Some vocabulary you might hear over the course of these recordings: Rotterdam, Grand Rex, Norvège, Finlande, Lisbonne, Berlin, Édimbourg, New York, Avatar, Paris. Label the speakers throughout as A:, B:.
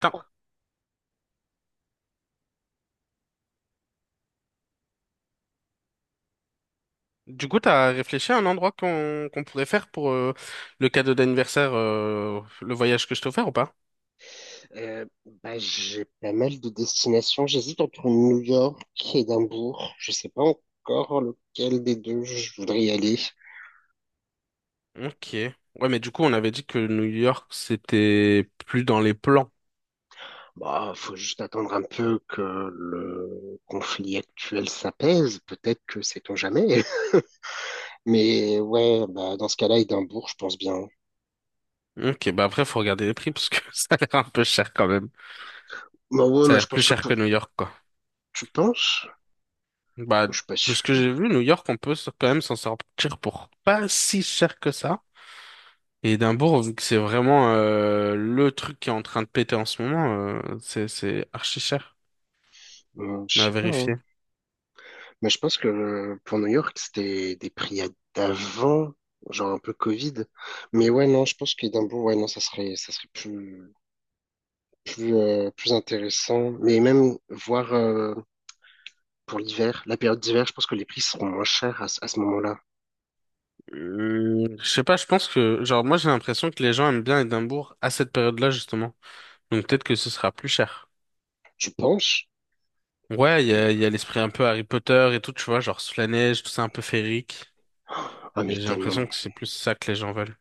A: Putain. Du coup, t'as réfléchi à un endroit qu'on pourrait faire pour le cadeau d'anniversaire, le voyage que je t'ai offert ou pas?
B: Euh, j'ai pas mal de destinations. J'hésite entre New York et Édimbourg. Je sais pas encore lequel des deux je voudrais y aller.
A: Ok. Ouais, mais du coup, on avait dit que New York, c'était plus dans les plans.
B: Bah, faut juste attendre un peu que le conflit actuel s'apaise. Peut-être que sait-on jamais. Mais ouais, bah, dans ce cas-là, Édimbourg, je pense bien.
A: Ok, bah après, faut regarder les prix parce que ça a l'air un peu cher quand même.
B: Bah ouais,
A: Ça a
B: mais je
A: l'air plus
B: pense que
A: cher
B: pour-
A: que New York, quoi.
B: tu penses?
A: Bah,
B: Je suis pas
A: de ce que
B: sûr.
A: j'ai vu, New York, on peut quand même s'en sortir pour pas si cher que ça. Et Édimbourg, vu que c'est vraiment le truc qui est en train de péter en ce moment, c'est archi cher. Mais
B: Je
A: à
B: sais pas, hein.
A: vérifier.
B: Mais je pense que pour New York, c'était des prix à- d'avant, genre un peu Covid. Mais ouais, non, je pense qu'Édimbourg, ouais, non, ça serait plus, plus, plus intéressant. Mais même voir pour l'hiver, la période d'hiver, je pense que les prix seront moins chers à ce moment-là.
A: Je sais pas, je pense que, genre, moi j'ai l'impression que les gens aiment bien Édimbourg à cette période-là, justement. Donc peut-être que ce sera plus cher.
B: Tu penses?
A: Ouais, il y a l'esprit un peu Harry Potter et tout, tu vois, genre sous la neige, tout ça un peu féerique.
B: Ah, mais
A: Et j'ai
B: tellement.
A: l'impression que c'est plus ça que les gens veulent.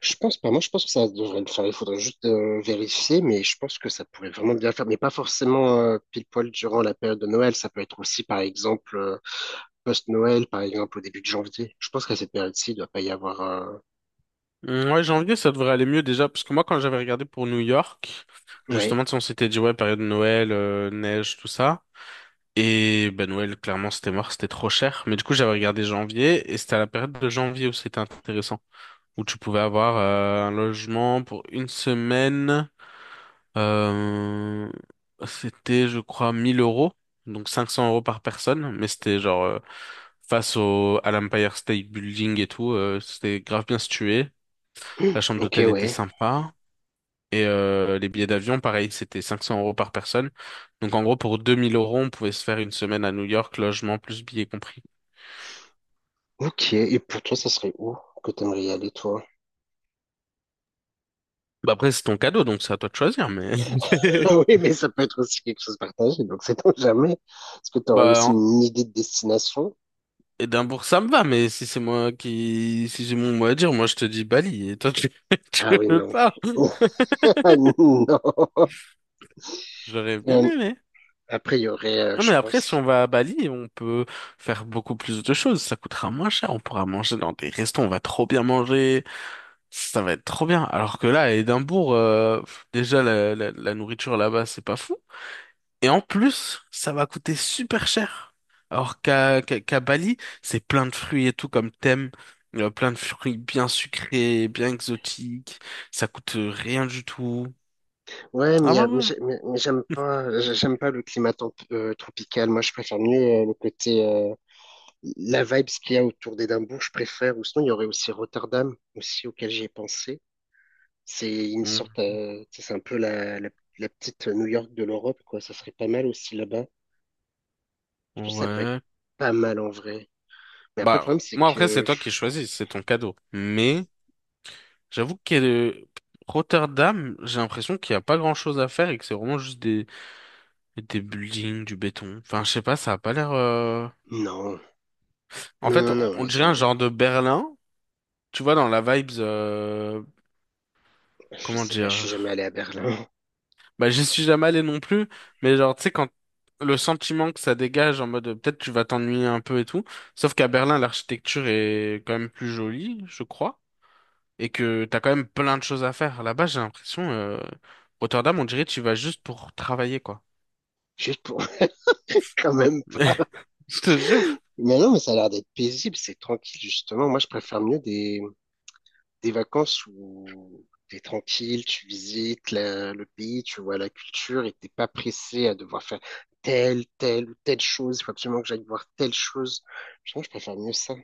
B: Je pense pas. Moi, je pense que ça devrait le faire. Il faudrait juste vérifier, mais je pense que ça pourrait vraiment bien le faire. Mais pas forcément pile poil durant la période de Noël. Ça peut être aussi, par exemple, post-Noël, par exemple, au début de janvier. Je pense qu'à cette période-ci, il doit pas y avoir.
A: Mm, ouais, janvier, ça devrait aller mieux déjà, parce que moi, quand j'avais regardé pour New York,
B: Ouais.
A: justement, tu sais, on s'était dit, ouais, période de Noël, neige, tout ça. Et ben Noël, clairement, c'était mort, c'était trop cher. Mais du coup, j'avais regardé janvier, et c'était à la période de janvier où c'était intéressant, où tu pouvais avoir un logement pour une semaine. Euh, c'était, je crois, 1000 euros, donc 500 € par personne, mais c'était genre... face à l'Empire State Building et tout, c'était grave bien situé. La chambre
B: Ok,
A: d'hôtel était
B: ouais.
A: sympa. Et les billets d'avion, pareil, c'était 500 € par personne. Donc en gros, pour 2000 euros, on pouvait se faire une semaine à New York, logement plus billets compris.
B: Ok. Et pour toi, ça serait où que t'aimerais y aller, toi?
A: Bah après, c'est ton cadeau, donc c'est à toi de choisir. Mais
B: Ah oui, mais ça peut être aussi quelque chose de partagé. Donc, c'est on jamais. Est-ce que t'aurais
A: bah
B: aussi
A: en-
B: une idée de destination?
A: Édimbourg, ça me va. Mais si c'est moi qui, si j'ai mon mot à dire, moi je te dis Bali. Et toi, tu, tu
B: Ah oui,
A: veux
B: non.
A: pas?
B: Non.
A: J'aurais bien
B: Euh,
A: aimé.
B: après, il y aurait,
A: Non,
B: je
A: mais après, si
B: pense.
A: on va à Bali, on peut faire beaucoup plus de choses. Ça coûtera moins cher. On pourra manger dans des restos. On va trop bien manger. Ça va être trop bien. Alors que là, à Édimbourg, pff, déjà, la nourriture là-bas, c'est pas fou. Et en plus, ça va coûter super cher. Alors qu'à Bali, c'est plein de fruits et tout comme thème. Plein de fruits bien sucrés, bien exotiques. Ça coûte rien du tout.
B: Ouais, mais,
A: Ah
B: y
A: ouais,
B: a- mais
A: ouais.
B: j'ai- mais- mais j'aime pas le climat temp- tropical. Moi, je préfère mieux le côté, la vibe qu'il y a autour d'Édimbourg, je préfère. Ou sinon, il y aurait aussi Rotterdam, aussi auquel j'y ai pensé. C'est une
A: Mm.
B: sorte, tu sais, c'est un peu la petite New York de l'Europe, quoi. Ça serait pas mal aussi là-bas. Je pense que ça peut être
A: Ouais.
B: pas mal en vrai. Mais après, le
A: Bah,
B: problème, c'est
A: moi, après,
B: que
A: c'est toi qui
B: pff,
A: choisis. C'est ton cadeau. Mais j'avoue que Rotterdam, j'ai l'impression qu'il n'y a pas grand-chose à faire et que c'est vraiment juste des buildings, du béton. Enfin, je sais pas, ça a pas l'air.
B: non,
A: En
B: non,
A: fait,
B: non,
A: on
B: non,
A: on
B: ils
A: dirait un
B: ont,
A: genre de Berlin. Tu vois, dans la vibes.
B: je
A: Comment
B: sais pas, je suis jamais
A: dire?
B: allé à Berlin.
A: Bah, j'y suis jamais allé non plus. Mais genre, tu sais, quand le sentiment que ça dégage en mode peut-être tu vas t'ennuyer un peu et tout. Sauf qu'à Berlin, l'architecture est quand même plus jolie, je crois. Et que t'as quand même plein de choses à faire. Là-bas, j'ai l'impression. Rotterdam, on dirait tu y vas juste pour travailler, quoi.
B: Juste pour quand même.
A: Je te jure.
B: Mais non, mais ça a l'air d'être paisible, c'est tranquille, justement. Moi, je préfère mieux des vacances où t'es tranquille, tu visites la- le pays, tu vois la culture et t'es pas pressé à devoir faire telle, telle ou telle chose. Il faut absolument que j'aille voir telle chose. Je pense que je préfère mieux ça.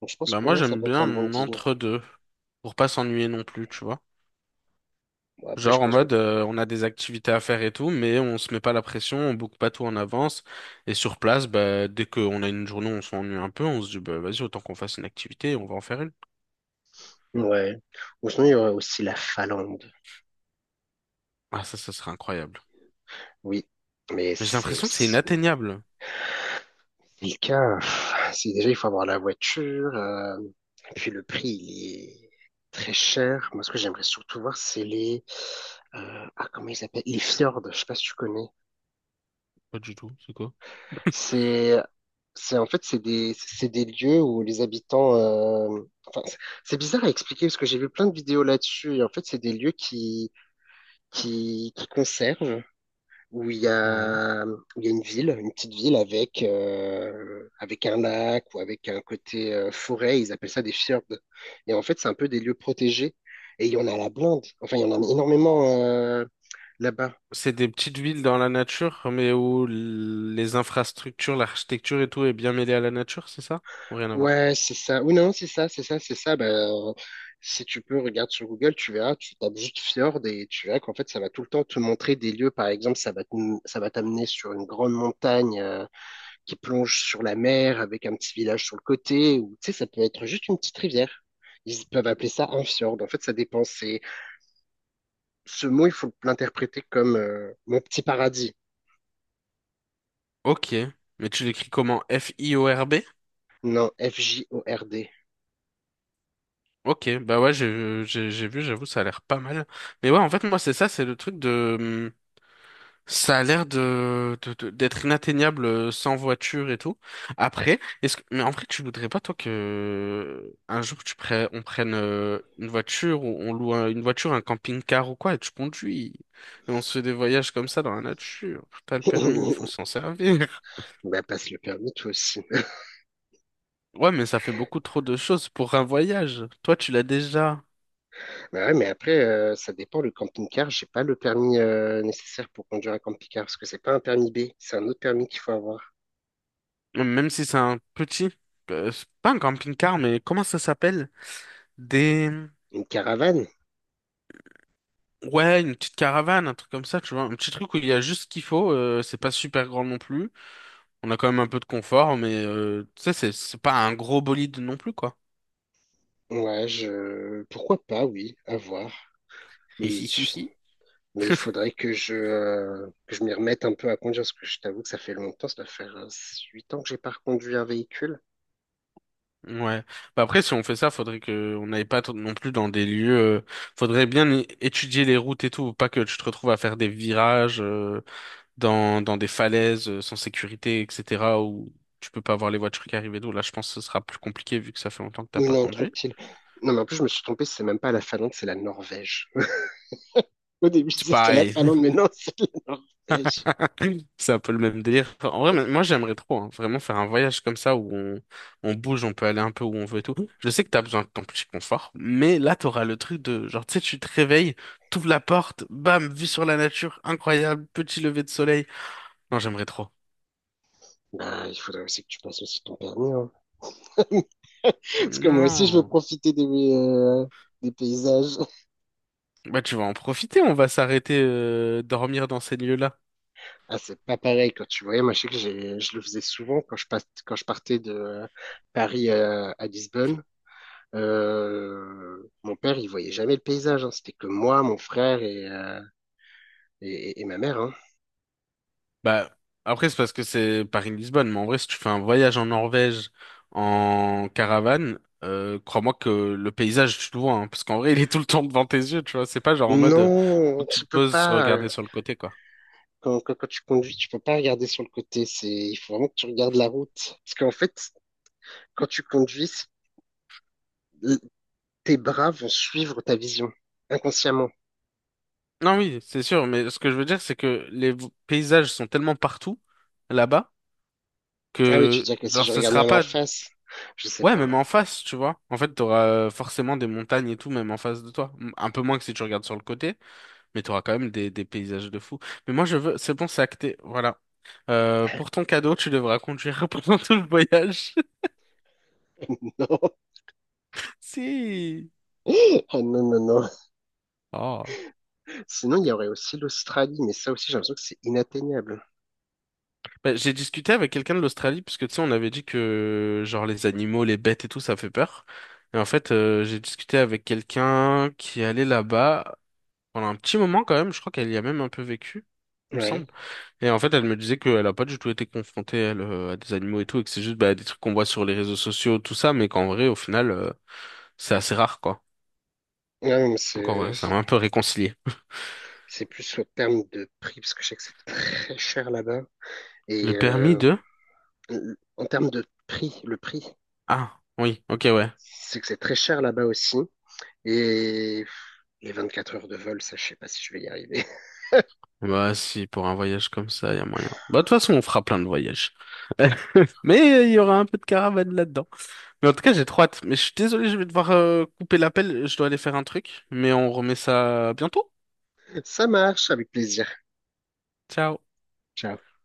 B: Donc, je pense
A: Bah,
B: que pour
A: moi,
B: moi, ça
A: j'aime
B: peut être un bon
A: bien
B: deal.
A: entre-deux. Pour pas s'ennuyer non plus, tu vois.
B: Bon, après, je
A: Genre en
B: pense que,
A: mode on a des activités à faire et tout, mais on se met pas la pression, on boucle pas tout en avance. Et sur place, bah, dès qu'on a une journée où on s'ennuie un peu, on se dit bah vas-y, autant qu'on fasse une activité, et on va en faire une.
B: ouais. Ou sinon, il y aurait aussi la Finlande.
A: Ah ça, ça serait incroyable.
B: Oui. Mais
A: Mais j'ai
B: c'est
A: l'impression que c'est
B: aussi
A: inatteignable.
B: quelqu'un, pff, c'est déjà, il faut avoir la voiture, et puis le prix, il est très cher. Moi, ce que j'aimerais surtout voir, c'est les, ah, comment ils s'appellent? Les fjords, je sais pas si tu connais.
A: Pas du tout, c'est quoi?
B: C'est, en fait, c'est des lieux où les habitants, enfin, c'est bizarre à expliquer parce que j'ai vu plein de vidéos là-dessus, et en fait, c'est des lieux qui conservent. Où il y
A: Ouais.
B: a, où il y a une ville, une petite ville avec, avec un lac ou avec un côté forêt. Ils appellent ça des fjords. Et en fait, c'est un peu des lieux protégés. Et il y en a à la blinde. Enfin, il y en a énormément là-bas.
A: C'est des petites villes dans la nature, mais où les infrastructures, l'architecture et tout est bien mêlée à la nature, c'est ça? Ou rien à voir?
B: Ouais, c'est ça. Ou non, c'est ça. Ben si tu peux, regarde sur Google, tu verras, tu tapes juste fjord et tu verras qu'en fait, ça va tout le temps te montrer des lieux. Par exemple, ça va t'amener sur une grande montagne, qui plonge sur la mer avec un petit village sur le côté, ou tu sais, ça peut être juste une petite rivière. Ils peuvent appeler ça un fjord. En fait, ça dépend. C'est- ce mot, il faut l'interpréter comme mon petit paradis.
A: Ok. Mais tu l'écris comment? F-I-O-R-B?
B: Non, F-J-O-R-D.
A: Ok, bah ouais, j'ai vu, j'avoue, ça a l'air pas mal. Mais ouais, en fait, moi, c'est ça, c'est le truc de... ça a l'air de, d'être inatteignable sans voiture et tout. Après, est-ce que, mais en vrai, tu voudrais pas, toi, que un jour tu prennes, on prenne une voiture ou on loue une voiture, un camping-car ou quoi, et tu conduis. Et on se fait des voyages comme ça dans la nature. T'as le permis, il faut s'en servir.
B: Bah, passe le permis, toi aussi.
A: Ouais, mais ça fait beaucoup trop de choses pour un voyage. Toi, tu l'as déjà.
B: Bah ouais, mais après, ça dépend. Le camping-car, j'ai pas le permis nécessaire pour conduire un camping-car parce que c'est pas un permis B, c'est un autre permis qu'il faut avoir.
A: Même si c'est un petit, c'est pas un camping-car, mais comment ça s'appelle? Des...
B: Une caravane?
A: Ouais, une petite caravane, un truc comme ça, tu vois. Un petit truc où il y a juste ce qu'il faut, c'est pas super grand non plus. On a quand même un peu de confort, mais tu sais, c'est pas un gros bolide non plus, quoi.
B: Ouais, je... pourquoi pas, oui, à voir. Mais
A: Hihihihi.
B: Mais il faudrait que je m'y remette un peu à conduire, parce que je t'avoue que ça fait longtemps, ça doit faire 8 ans que j'ai pas reconduit un véhicule.
A: Ouais. Bah après, si on fait ça, faudrait que on n'aille pas non plus dans des lieux. Faudrait bien étudier les routes et tout, pas que tu te retrouves à faire des virages. Dans, dans des falaises sans sécurité, etc., où tu peux pas voir les voitures qui arrivent et tout. Là, je pense que ce sera plus compliqué vu que ça fait longtemps que t'as
B: Ou
A: pas
B: non,
A: conduit.
B: tranquille. Non, mais en plus, je me suis trompé, c'est même pas la Finlande, c'est la Norvège. Au début, je
A: C'est
B: disais c'était la
A: pareil,
B: Finlande, mais non, c'est la Norvège.
A: c'est un peu le même délire. Enfin, en vrai, mais moi j'aimerais trop, hein, vraiment faire un voyage comme ça où on bouge, on peut aller un peu où on veut et tout. Je sais que t'as besoin de ton petit confort, mais là, t'auras le truc de genre, tu sais, tu te réveilles, t'ouvres la porte, bam, vue sur la nature, incroyable, petit lever de soleil. Non, j'aimerais trop.
B: Bah, il faudrait aussi que tu passes aussi ton permis, hein. Parce que moi aussi, je veux
A: Non.
B: profiter des paysages.
A: Bah, tu vas en profiter, on va s'arrêter, dormir dans ces lieux-là.
B: Ah, c'est pas pareil quand tu voyais. Moi, je sais que j'ai- je le faisais souvent quand je, passe- quand je partais de Paris à Lisbonne. Mon père, il voyait jamais le paysage, hein. C'était que moi, mon frère et, et ma mère, hein.
A: Bah, après, c'est parce que c'est Paris-Lisbonne, mais en vrai, si tu fais un voyage en Norvège en caravane, crois-moi que le paysage, tu le vois, hein, parce qu'en vrai, il est tout le temps devant tes yeux, tu vois. C'est pas genre en mode, faut
B: Non,
A: que tu
B: tu
A: te
B: peux
A: poses,
B: pas,
A: regarder sur le côté, quoi.
B: quand tu conduis, tu peux pas regarder sur le côté. C'est, il faut vraiment que tu regardes la route. Parce qu'en fait, quand tu conduis, c'est- tes bras vont suivre ta vision, inconsciemment.
A: Non, oui, c'est sûr, mais ce que je veux dire, c'est que les paysages sont tellement partout, là-bas,
B: Ah oui, tu
A: que,
B: dis que si
A: genre,
B: je
A: ce
B: regardais
A: sera
B: en
A: pas,
B: face, je sais
A: ouais,
B: pas.
A: même en face, tu vois. En fait, t'auras forcément des montagnes et tout, même en face de toi. Un peu moins que si tu regardes sur le côté. Mais tu auras quand même des paysages de fou. Mais moi, je veux. C'est bon, c'est acté. Voilà. Pour ton cadeau, tu devras conduire pendant tout le voyage.
B: Non.
A: Si.
B: Ah non, non, non.
A: Oh.
B: Sinon, il y aurait aussi l'Australie, mais ça aussi, j'ai l'impression que c'est inatteignable.
A: Bah, j'ai discuté avec quelqu'un de l'Australie, parce que tu sais, on avait dit que, genre, les animaux, les bêtes et tout, ça fait peur. Et en fait, j'ai discuté avec quelqu'un qui allait là-bas pendant un petit moment quand même. Je crois qu'elle y a même un peu vécu, il me
B: Ouais.
A: semble. Et en fait, elle me disait qu'elle a pas du tout été confrontée, elle, à des animaux et tout, et que c'est juste, bah, des trucs qu'on voit sur les réseaux sociaux, tout ça, mais qu'en vrai, au final, c'est assez rare, quoi.
B: Non, mais
A: Donc en
B: c'est
A: vrai, ça m'a un peu réconcilié.
B: C'est plus en termes de prix, parce que je sais que c'est très cher là-bas.
A: Le
B: Et
A: permis de...
B: en termes de prix, le prix,
A: Ah, oui, ok, ouais.
B: c'est que c'est très cher là-bas aussi. Et les 24 heures de vol, ça, je sais pas si je vais y arriver.
A: Bah si, pour un voyage comme ça, il y a moyen. Bah de toute façon, on fera plein de voyages. Mais il y aura un peu de caravane là-dedans. Mais en tout cas, j'ai trop hâte. Mais je suis désolé, je vais devoir couper l'appel. Je dois aller faire un truc. Mais on remet ça bientôt.
B: Ça marche, avec plaisir.
A: Ciao.
B: Ciao.